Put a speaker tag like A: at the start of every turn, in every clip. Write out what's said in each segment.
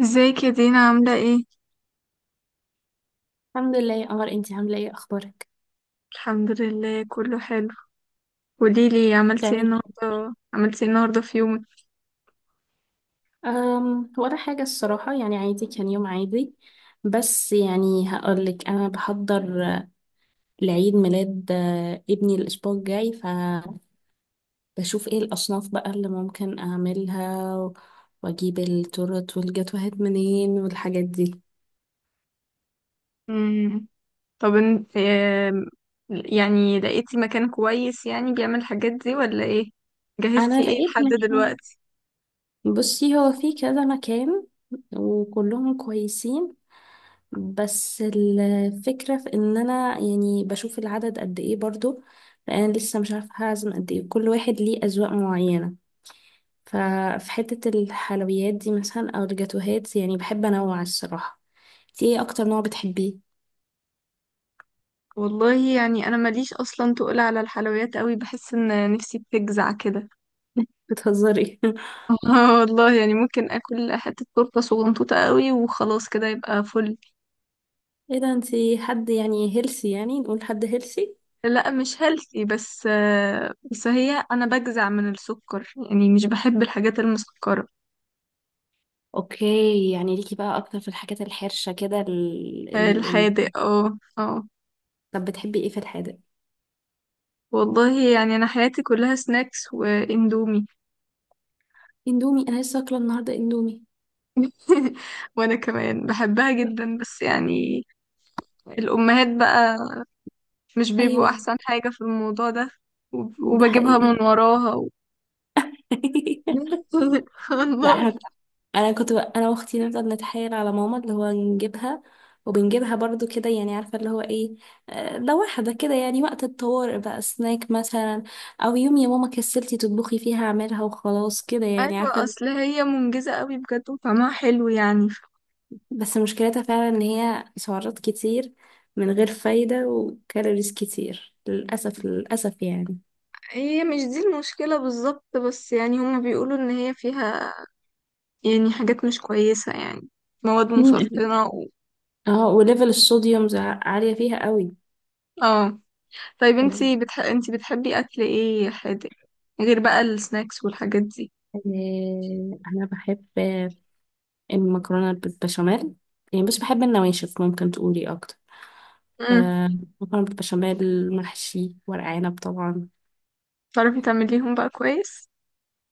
A: ازيك يا دينا عاملة ايه؟
B: الحمد لله يا قمر، انتي عامله ايه؟ اخبارك؟
A: الحمد لله كله حلو. قوليلي عملتي ايه
B: بتعملي ايه؟
A: النهاردة، في يومك؟
B: ولا حاجه الصراحه، يعني عادي، كان يوم عادي. بس يعني هقولك انا بحضر لعيد ميلاد ابني الاسبوع الجاي، فبشوف ايه الاصناف بقى اللي ممكن اعملها واجيب التورت والجاتوهات منين والحاجات دي.
A: مم. طب ان... آم، يعني لقيتي مكان كويس يعني بيعمل الحاجات دي ولا ايه؟
B: انا
A: جهزتي ايه
B: لقيت
A: لحد
B: مكان،
A: دلوقتي؟
B: بصي هو في كذا مكان وكلهم كويسين، بس الفكرة في ان انا يعني بشوف العدد قد ايه برضو. فانا لسه مش عارفة هعزم قد ايه، كل واحد ليه اذواق معينة. ففي حتة الحلويات دي مثلا او الجاتوهات يعني بحب انوع الصراحة. انتي ايه اكتر نوع بتحبيه؟
A: والله يعني انا ماليش اصلا تقول على الحلويات قوي، بحس ان نفسي بتجزع كده.
B: بتهزري؟
A: آه والله، يعني ممكن اكل حتة تورتة صغنطوطة قوي وخلاص كده يبقى فل.
B: ايه ده، انتي حد يعني هيلسي؟ يعني نقول حد هيلسي.
A: لا مش هيلثي، بس بس هي انا بجزع من السكر، يعني مش بحب الحاجات المسكرة.
B: اوكي، يعني ليكي بقى اكتر في الحاجات الحرشة كده ال... ال...
A: الحادق، اه اه.
B: طب بتحبي ايه في الحادق؟
A: والله يعني انا حياتي كلها سناكس واندومي.
B: اندومي؟ انا لسه اكله النهارده اندومي.
A: وانا كمان بحبها جدا، بس يعني الامهات بقى مش بيبقوا
B: ايوه
A: احسن حاجة في الموضوع ده.
B: ده
A: وبجيبها
B: حقيقي.
A: من وراها و...
B: لا
A: والله.
B: احنا، انا كنت بقى انا واختي نفضل نتحايل على ماما اللي هو نجيبها، وبنجيبها برضو كده يعني، عارفة اللي هو ايه، لو واحدة كده يعني وقت الطوارئ بقى سناك مثلا، او يوم يا ماما كسلتي تطبخي فيها اعملها وخلاص كده يعني
A: ايوه،
B: عارفة.
A: اصل هي منجزة قوي بجد وطعمها حلو يعني.
B: بس مشكلتها فعلا ان هي سعرات كتير من غير فايدة، وكالوريز كتير للأسف للأسف يعني.
A: هي مش دي المشكلة بالظبط، بس يعني هما بيقولوا ان هي فيها يعني حاجات مش كويسة يعني، مواد
B: مم.
A: مسرطنة و...
B: اه وليفل الصوديوم عالية فيها قوي.
A: اه. طيب انتي
B: آه،
A: انتي بتحبي اكل ايه حادق غير بقى السناكس والحاجات دي؟
B: انا بحب المكرونة بالبشاميل، يعني مش بحب النواشف. ممكن تقولي أكتر،
A: امم.
B: آه، مكرونة بالبشاميل، محشي ورق عنب طبعا.
A: تعرفي تعمليهم بقى كويس؟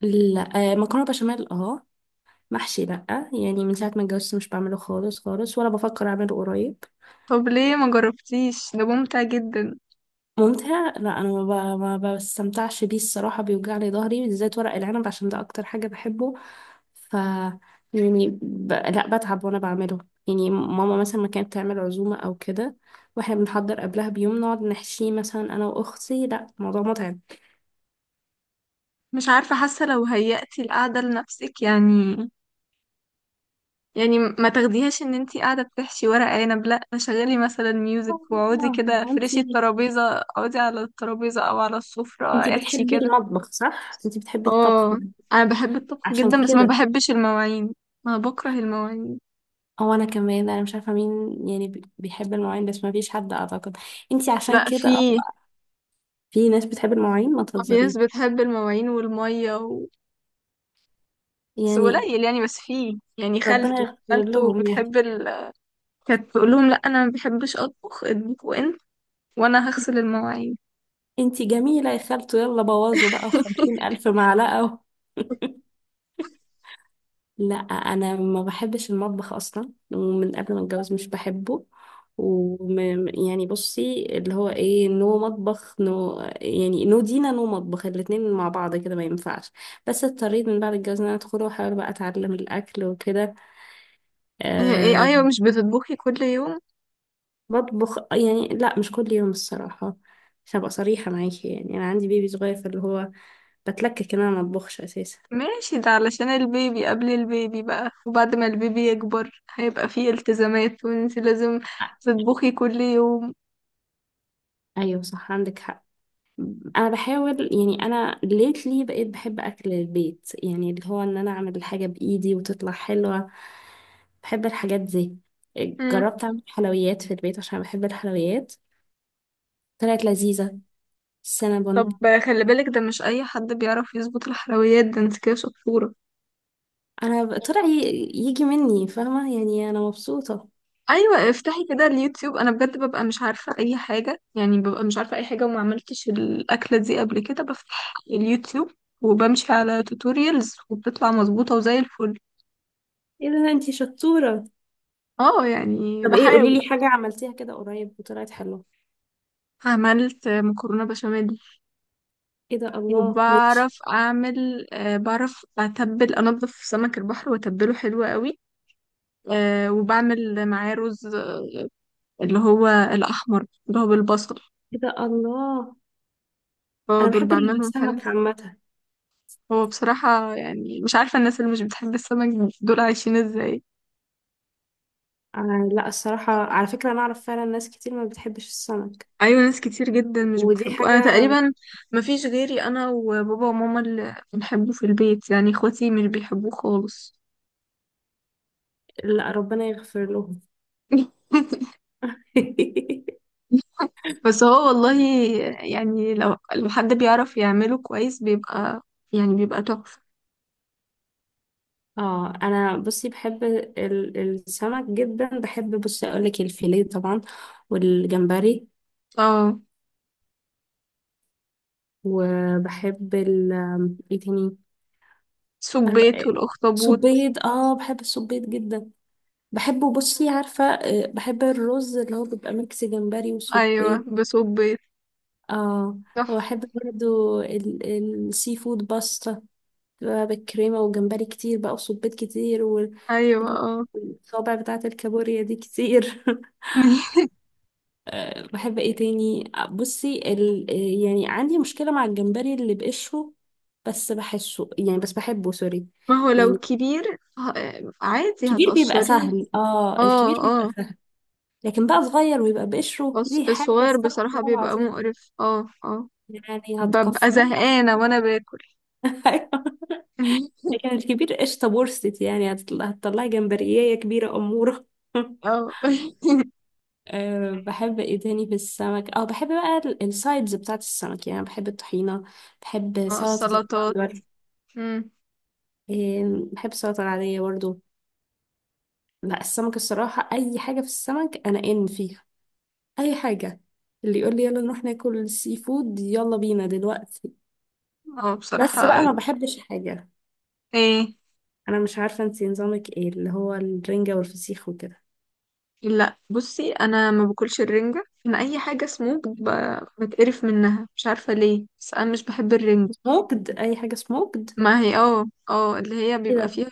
B: لا آه مكرونة بشاميل اه، محشي لأ. يعني من ساعة ما اتجوزت مش بعمله خالص خالص ولا بفكر أعمله قريب.
A: طب ليه ما جربتيش، ده ممتع جدا.
B: ممتع؟ لا أنا ما بستمتعش بيه الصراحة، بيوجعلي ظهري، بالذات ورق العنب عشان ده أكتر حاجة بحبه. ف يعني لا بتعب وانا بعمله. يعني ماما مثلا ما كانت تعمل عزومة او كده واحنا بنحضر قبلها بيوم نقعد نحشيه، مثلا انا واختي، لا الموضوع متعب.
A: مش عارفة، حاسة لو هيأتي القعدة لنفسك يعني، يعني ما تاخديهاش ان انتي قاعدة بتحشي ورق عنب، لا شغلي مثلا ميوزك واقعدي
B: ما
A: كده، فرشي
B: انتي،
A: الترابيزة، اقعدي على الترابيزة او على السفرة،
B: انتي
A: احشي
B: بتحبي
A: كده.
B: المطبخ صح؟ انتي بتحبي الطبخ
A: اه. انا بحب الطبخ
B: عشان
A: جدا، بس ما
B: كده.
A: بحبش المواعين. انا بكره المواعين.
B: او انا كمان، انا مش عارفة مين يعني بيحب المواعين، بس ما فيش حد اعتقد. انتي عشان
A: لا
B: كده
A: في،
B: في ناس بتحب المواعين، ما
A: في ناس
B: تهزريش
A: بتحب المواعين والمية و... بس
B: يعني.
A: قليل يعني، بس في يعني
B: ربنا
A: خالته.
B: يغفر
A: خالته
B: لهم يعني.
A: بتحب ال... كانت تقول لهم لا انا ما بحبش اطبخ، اطبخوا انت وانا هغسل المواعين.
B: انتي جميلة يا خالته، يلا بوظوا بقى وخمسين ألف معلقة و... لا أنا ما بحبش المطبخ أصلا، ومن قبل ما أتجوز مش بحبه. وم... يعني بصي اللي هو ايه، نو مطبخ نو، يعني نو دينا نو مطبخ، الاتنين مع بعض كده ما ينفعش. بس اضطريت من بعد الجواز ان انا ادخل واحاول بقى اتعلم الاكل وكده.
A: إيه- إيه، ايوه،
B: أه
A: مش بتطبخي كل يوم؟
B: بطبخ يعني، لا مش كل يوم الصراحة. عشان ابقى صريحة معاكي يعني، انا عندي بيبي صغير فاللي هو بتلكك ان انا ما اطبخش اساسا.
A: ماشي، ده علشان البيبي. قبل البيبي بقى وبعد ما البيبي يكبر هيبقى فيه التزامات، وانت لازم تطبخي كل يوم.
B: ايوه صح عندك حق. انا بحاول يعني، انا ليتلي بقيت بحب اكل البيت، يعني اللي هو ان انا اعمل الحاجه بايدي وتطلع حلوه، بحب الحاجات دي.
A: مم.
B: جربت اعمل حلويات في البيت عشان بحب الحلويات، طلعت لذيذه،
A: طب
B: السينابون.
A: خلي بالك، ده مش اي حد بيعرف يظبط الحلويات، ده انت كده شطورة.
B: طلع يجي مني فاهمه، يعني انا مبسوطه.
A: ايوه، افتحي كده اليوتيوب. انا بجد ببقى مش عارفة اي حاجة، يعني ببقى مش عارفة اي حاجة وما عملتش الاكلة دي قبل كده، بفتح اليوتيوب وبمشي على توتوريالز وبتطلع مظبوطة وزي الفل.
B: ايه ده انتي شطوره.
A: اه يعني
B: طب ايه، قولي
A: بحاول.
B: لي حاجه عملتيها كده قريب وطلعت حلوه.
A: عملت مكرونة بشاميل.
B: ايه ده الله، ماشي.
A: وبعرف اعمل، بعرف اتبل انضف سمك البحر واتبله حلو قوي. وبعمل معاه رز اللي هو الاحمر اللي هو بالبصل.
B: ايه ده الله،
A: هو
B: انا
A: دول
B: بحب
A: بعملهم حلو.
B: السمك عامه.
A: هو بصراحة يعني مش عارفة الناس اللي مش بتحب السمك دول عايشين ازاي.
B: آه لا الصراحة على فكرة، أنا أعرف فعلا ناس كتير ما بتحبش السمك.
A: ايوه ناس كتير جدا مش
B: ودي
A: بتحبه.
B: حاجة.
A: انا تقريبا مفيش غيري انا وبابا وماما اللي بنحبه في البيت، يعني اخواتي مش بيحبوه خالص.
B: لا ربنا يغفر لهم.
A: بس هو والله يعني، لو حد بيعرف يعمله كويس بيبقى يعني بيبقى تحفة.
B: اه انا بصي بحب السمك جدا. بحب بصي اقول لك الفيليه طبعا، والجمبري،
A: اه.
B: وبحب ال، ايه تاني؟
A: سبيت والأخطبوط.
B: صبيط، اه بحب الصبيط جدا، بحبه. بصي عارفة، بحب الرز اللي هو بيبقى ميكس جمبري وصبيط.
A: أيوة، بسبيت.
B: اه
A: تحفة.
B: وبحب برضو السي فود باستا بقى، بالكريمة وجمبري كتير بقى، وصبيت كتير،
A: أيوة، اه.
B: والصوابع بتاعة الكابوريا دي كتير. بحب ايه تاني؟ بصي يعني عندي مشكلة مع الجمبري اللي بقشره، بس بحسه يعني، بس بحبه سوري
A: ما هو لو
B: يعني.
A: كبير عادي
B: الكبير بيبقى
A: هتقشريه.
B: سهل، اه الكبير
A: اه
B: بيبقى
A: اه.
B: سهل. لكن بقى صغير ويبقى بقشره،
A: بس
B: دي حاجة
A: الصغير
B: استغفر
A: بصراحة
B: الله
A: بيبقى
B: العظيم
A: مقرف، اه اه.
B: يعني،
A: ببقى
B: هتكفروه.
A: زهقانة وانا باكل.
B: أيوة. لكن الكبير قشطة بورست، يعني هتطلع هتطلعي جمبرية كبيرة أمورة.
A: اه.
B: أه بحب ايه تاني في السمك؟ او بحب بقى السايدز بتاعت السمك، يعني بحب الطحينة، بحب
A: اه،
B: سلطة
A: السلطات.
B: البندر،
A: مم.
B: بحب السلطة العادية برضو. لا السمك الصراحة اي حاجة في السمك انا ان فيها، اي حاجة. اللي يقول لي يلا نروح ناكل سي فود يلا بينا دلوقتي.
A: اه
B: بس
A: بصراحة.
B: بقى ما بحبش حاجة.
A: ايه؟
B: انا مش عارفة انتي نظامك ايه، اللي هو الرنجة والفسيخ وكده.
A: لا بصي انا ما باكلش الرنجة. انا اي حاجة سموك بتقرف منها، مش عارفة ليه، بس انا مش بحب الرنجة.
B: سموكد، اي حاجة سموكد.
A: ما هي اه اه اللي هي بيبقى فيها،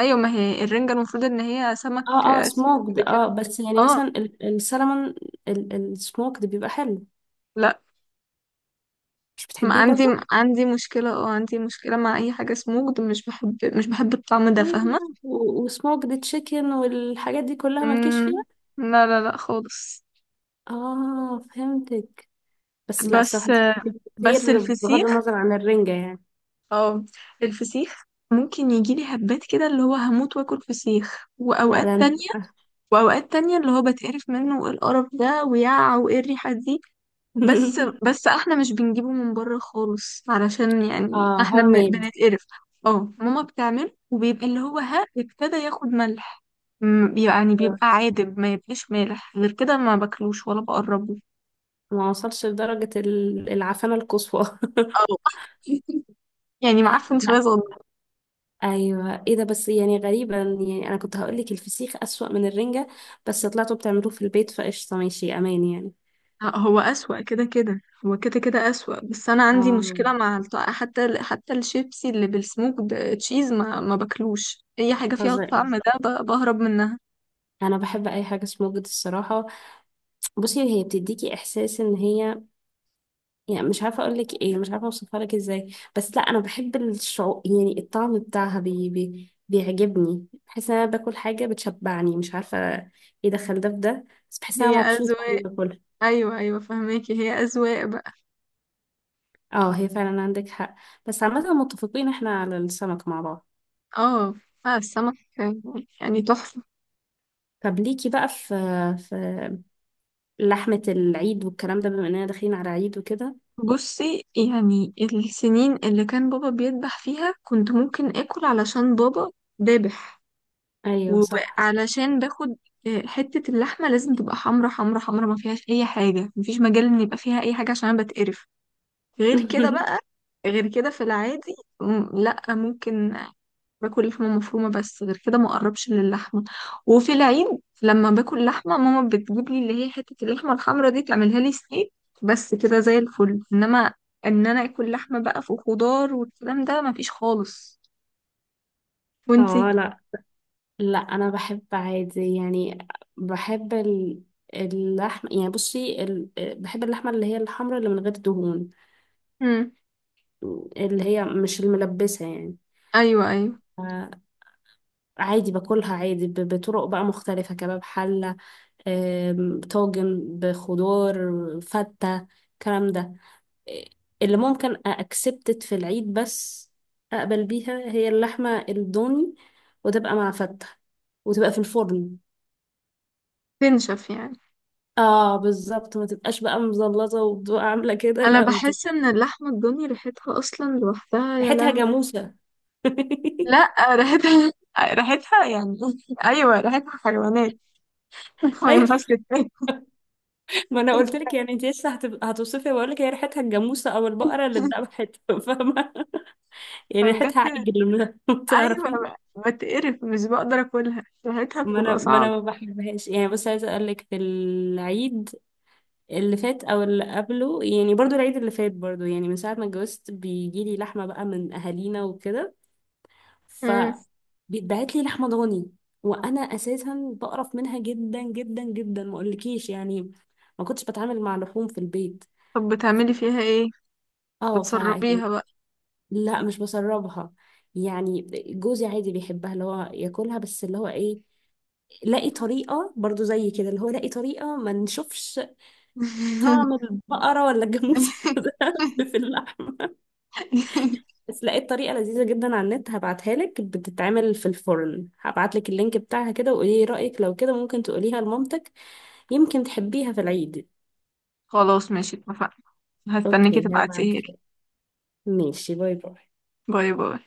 A: ايوه ما هي الرنجة المفروض ان هي سمك،
B: اه اه
A: سمك
B: سموكد، اه
A: كده.
B: بس يعني
A: اه
B: مثلا السلمون، السموكد بيبقى حلو.
A: لا.
B: مش
A: ما
B: بتحبيه
A: عندي،
B: برضو؟
A: عندي مشكلة، اه عندي مشكلة مع اي حاجة سموك. مش بحب مش بحب الطعم ده،
B: ايه،
A: فاهمة؟
B: وسموكد تشيكن والحاجات دي كلها مالكيش فيها؟
A: مم، لا لا لا خالص.
B: اه فهمتك. بس لا
A: بس
B: الصراحة دي فاتتك
A: بس
B: كتير، بغض
A: الفسيخ،
B: النظر عن الرنجة يعني.
A: اه الفسيخ ممكن يجيلي هبات كده اللي هو هموت واكل فسيخ،
B: لا ده انت.
A: واوقات تانية اللي هو بتقرف منه وايه القرف ده ويا وايه الريحة دي. بس احنا مش بنجيبه من بره خالص، علشان يعني
B: اه
A: احنا
B: هوم ميد.
A: بنتقرف. اه ماما بتعمل وبيبقى اللي هو ها ابتدى ياخد ملح، يعني بيبقى عادب، ما يبقاش مالح غير كده ما باكلوش ولا بقربه.
B: ما وصلش لدرجة العفانة القصوى.
A: اه. يعني معفن شوية صغير.
B: ايوه ايه ده، بس يعني غريبة، يعني انا كنت هقول لك الفسيخ اسوأ من الرنجة، بس طلعتوا بتعملوه في البيت فقشطة، ماشي امان يعني.
A: لا، هو أسوأ كده كده، هو كده كده أسوأ، بس أنا عندي
B: اه
A: مشكلة مع حتى الشيبسي اللي بالسموك تشيز، ما باكلوش أي حاجة فيها
B: فظيع.
A: الطعم ده، بهرب منها.
B: انا بحب اي حاجة سموكد الصراحة. بصي هي بتديكي احساس ان هي، يعني مش عارفة اقول لك ايه، مش عارفة اوصفها لك ازاي، بس لا انا بحب الشعور، يعني الطعم بتاعها بي بي بيعجبني، بحس ان انا باكل حاجة بتشبعني مش عارفة، ايه دخل ده في ده، بس بحس ان
A: هي
B: انا مبسوطة
A: أذواق.
B: وانا باكلها.
A: أيوة أيوة فهماكي، هي أذواق بقى.
B: اه هي فعلا عندك حق. بس عامة متفقين احنا على السمك مع بعض.
A: اه، السمك يعني تحفة.
B: طب ليكي بقى في، في لحمة العيد والكلام ده، بما اننا داخلين على عيد وكده؟
A: بصي يعني السنين اللي كان بابا بيذبح فيها كنت ممكن آكل علشان بابا ذابح،
B: ايوه صح.
A: وعلشان باخد، حتة اللحمة لازم تبقى حمرا حمرا حمرا، ما فيهاش أي حاجة، مفيش مجال إن يبقى فيها أي حاجة عشان أنا بتقرف. غير كده بقى، غير كده في العادي، لأ ممكن باكل لحمة مفرومة، بس غير كده ما أقربش للحمة. وفي العيد لما باكل لحمة ماما بتجيب لي اللي هي حتة اللحمة الحمرا دي تعملها لي ستيك بس كده زي الفل. إنما إن أنا آكل لحمة بقى في خضار والكلام ده مفيش خالص. وانتي؟
B: اه لا لا، انا بحب عادي يعني، بحب اللحم، يعني بصي بحب اللحمة اللي هي الحمراء اللي من غير دهون،
A: مم.
B: اللي هي مش الملبسة يعني.
A: أيوه أيوه.
B: آه، عادي باكلها عادي، بطرق بقى مختلفة، كباب، حلة، طاجن بخضار، فتة، الكلام ده. اللي ممكن أكسبتت في العيد بس أقبل بيها هي اللحمة الضاني، وتبقى مع فتة، وتبقى في الفرن.
A: تنشف يعني.
B: اه بالظبط، ما تبقاش بقى مزلطة وبتبقى عاملة كده،
A: انا
B: لا بتبقى،
A: بحس ان اللحمه الضاني ريحتها اصلا لوحدها يا
B: ريحتها
A: لهوي.
B: جاموسة.
A: لا ريحتها، ريحتها يعني ايوه ريحتها حيوانات. ما
B: ايوه،
A: ينفعش تتاكل.
B: ما انا قلت لك يعني انت لسه هتبقى هتوصفي، بقول لك هي ريحتها الجاموسة او البقرة اللي اتذبحت، فاهمة يعني، ريحتها
A: فبجد.
B: عجل ما
A: ايوه،
B: تعرفي.
A: بتقرف، مش بقدر اكلها، ريحتها
B: ما انا
A: بتبقى
B: ما انا
A: صعب.
B: ما بحبهاش يعني، بس عايزه اقول لك في العيد اللي فات او اللي قبله يعني، برضو العيد اللي فات برضو، يعني من ساعه ما اتجوزت بيجي لي لحمه بقى من اهالينا وكده. ف
A: مم.
B: بيتبعت لي لحمه ضاني، وانا اساسا بقرف منها جدا جدا جدا ما اقولكيش يعني. ما كنتش بتعامل مع لحوم في البيت.
A: طب بتعملي فيها ايه،
B: اه ف يعني،
A: بتسربيها بقى؟
B: لا مش بسربها يعني. جوزي عادي بيحبها اللي هو ياكلها، بس اللي هو ايه، لاقي طريقة برضو زي كده، اللي هو لاقي طريقة ما نشوفش طعم البقرة ولا الجاموسة ده في اللحمة. بس لقيت طريقة لذيذة جدا على النت، هبعتها لك، بتتعمل في الفرن. هبعت لك اللينك بتاعها كده وقولي لي رأيك، لو كده ممكن تقوليها لمامتك يمكن تحبيها في العيد.
A: خلاص ماشي اتفقنا، هستناكي
B: اوكي هبعتها
A: تبعتيها لي.
B: لك. ماشي، باي باي.
A: باي باي.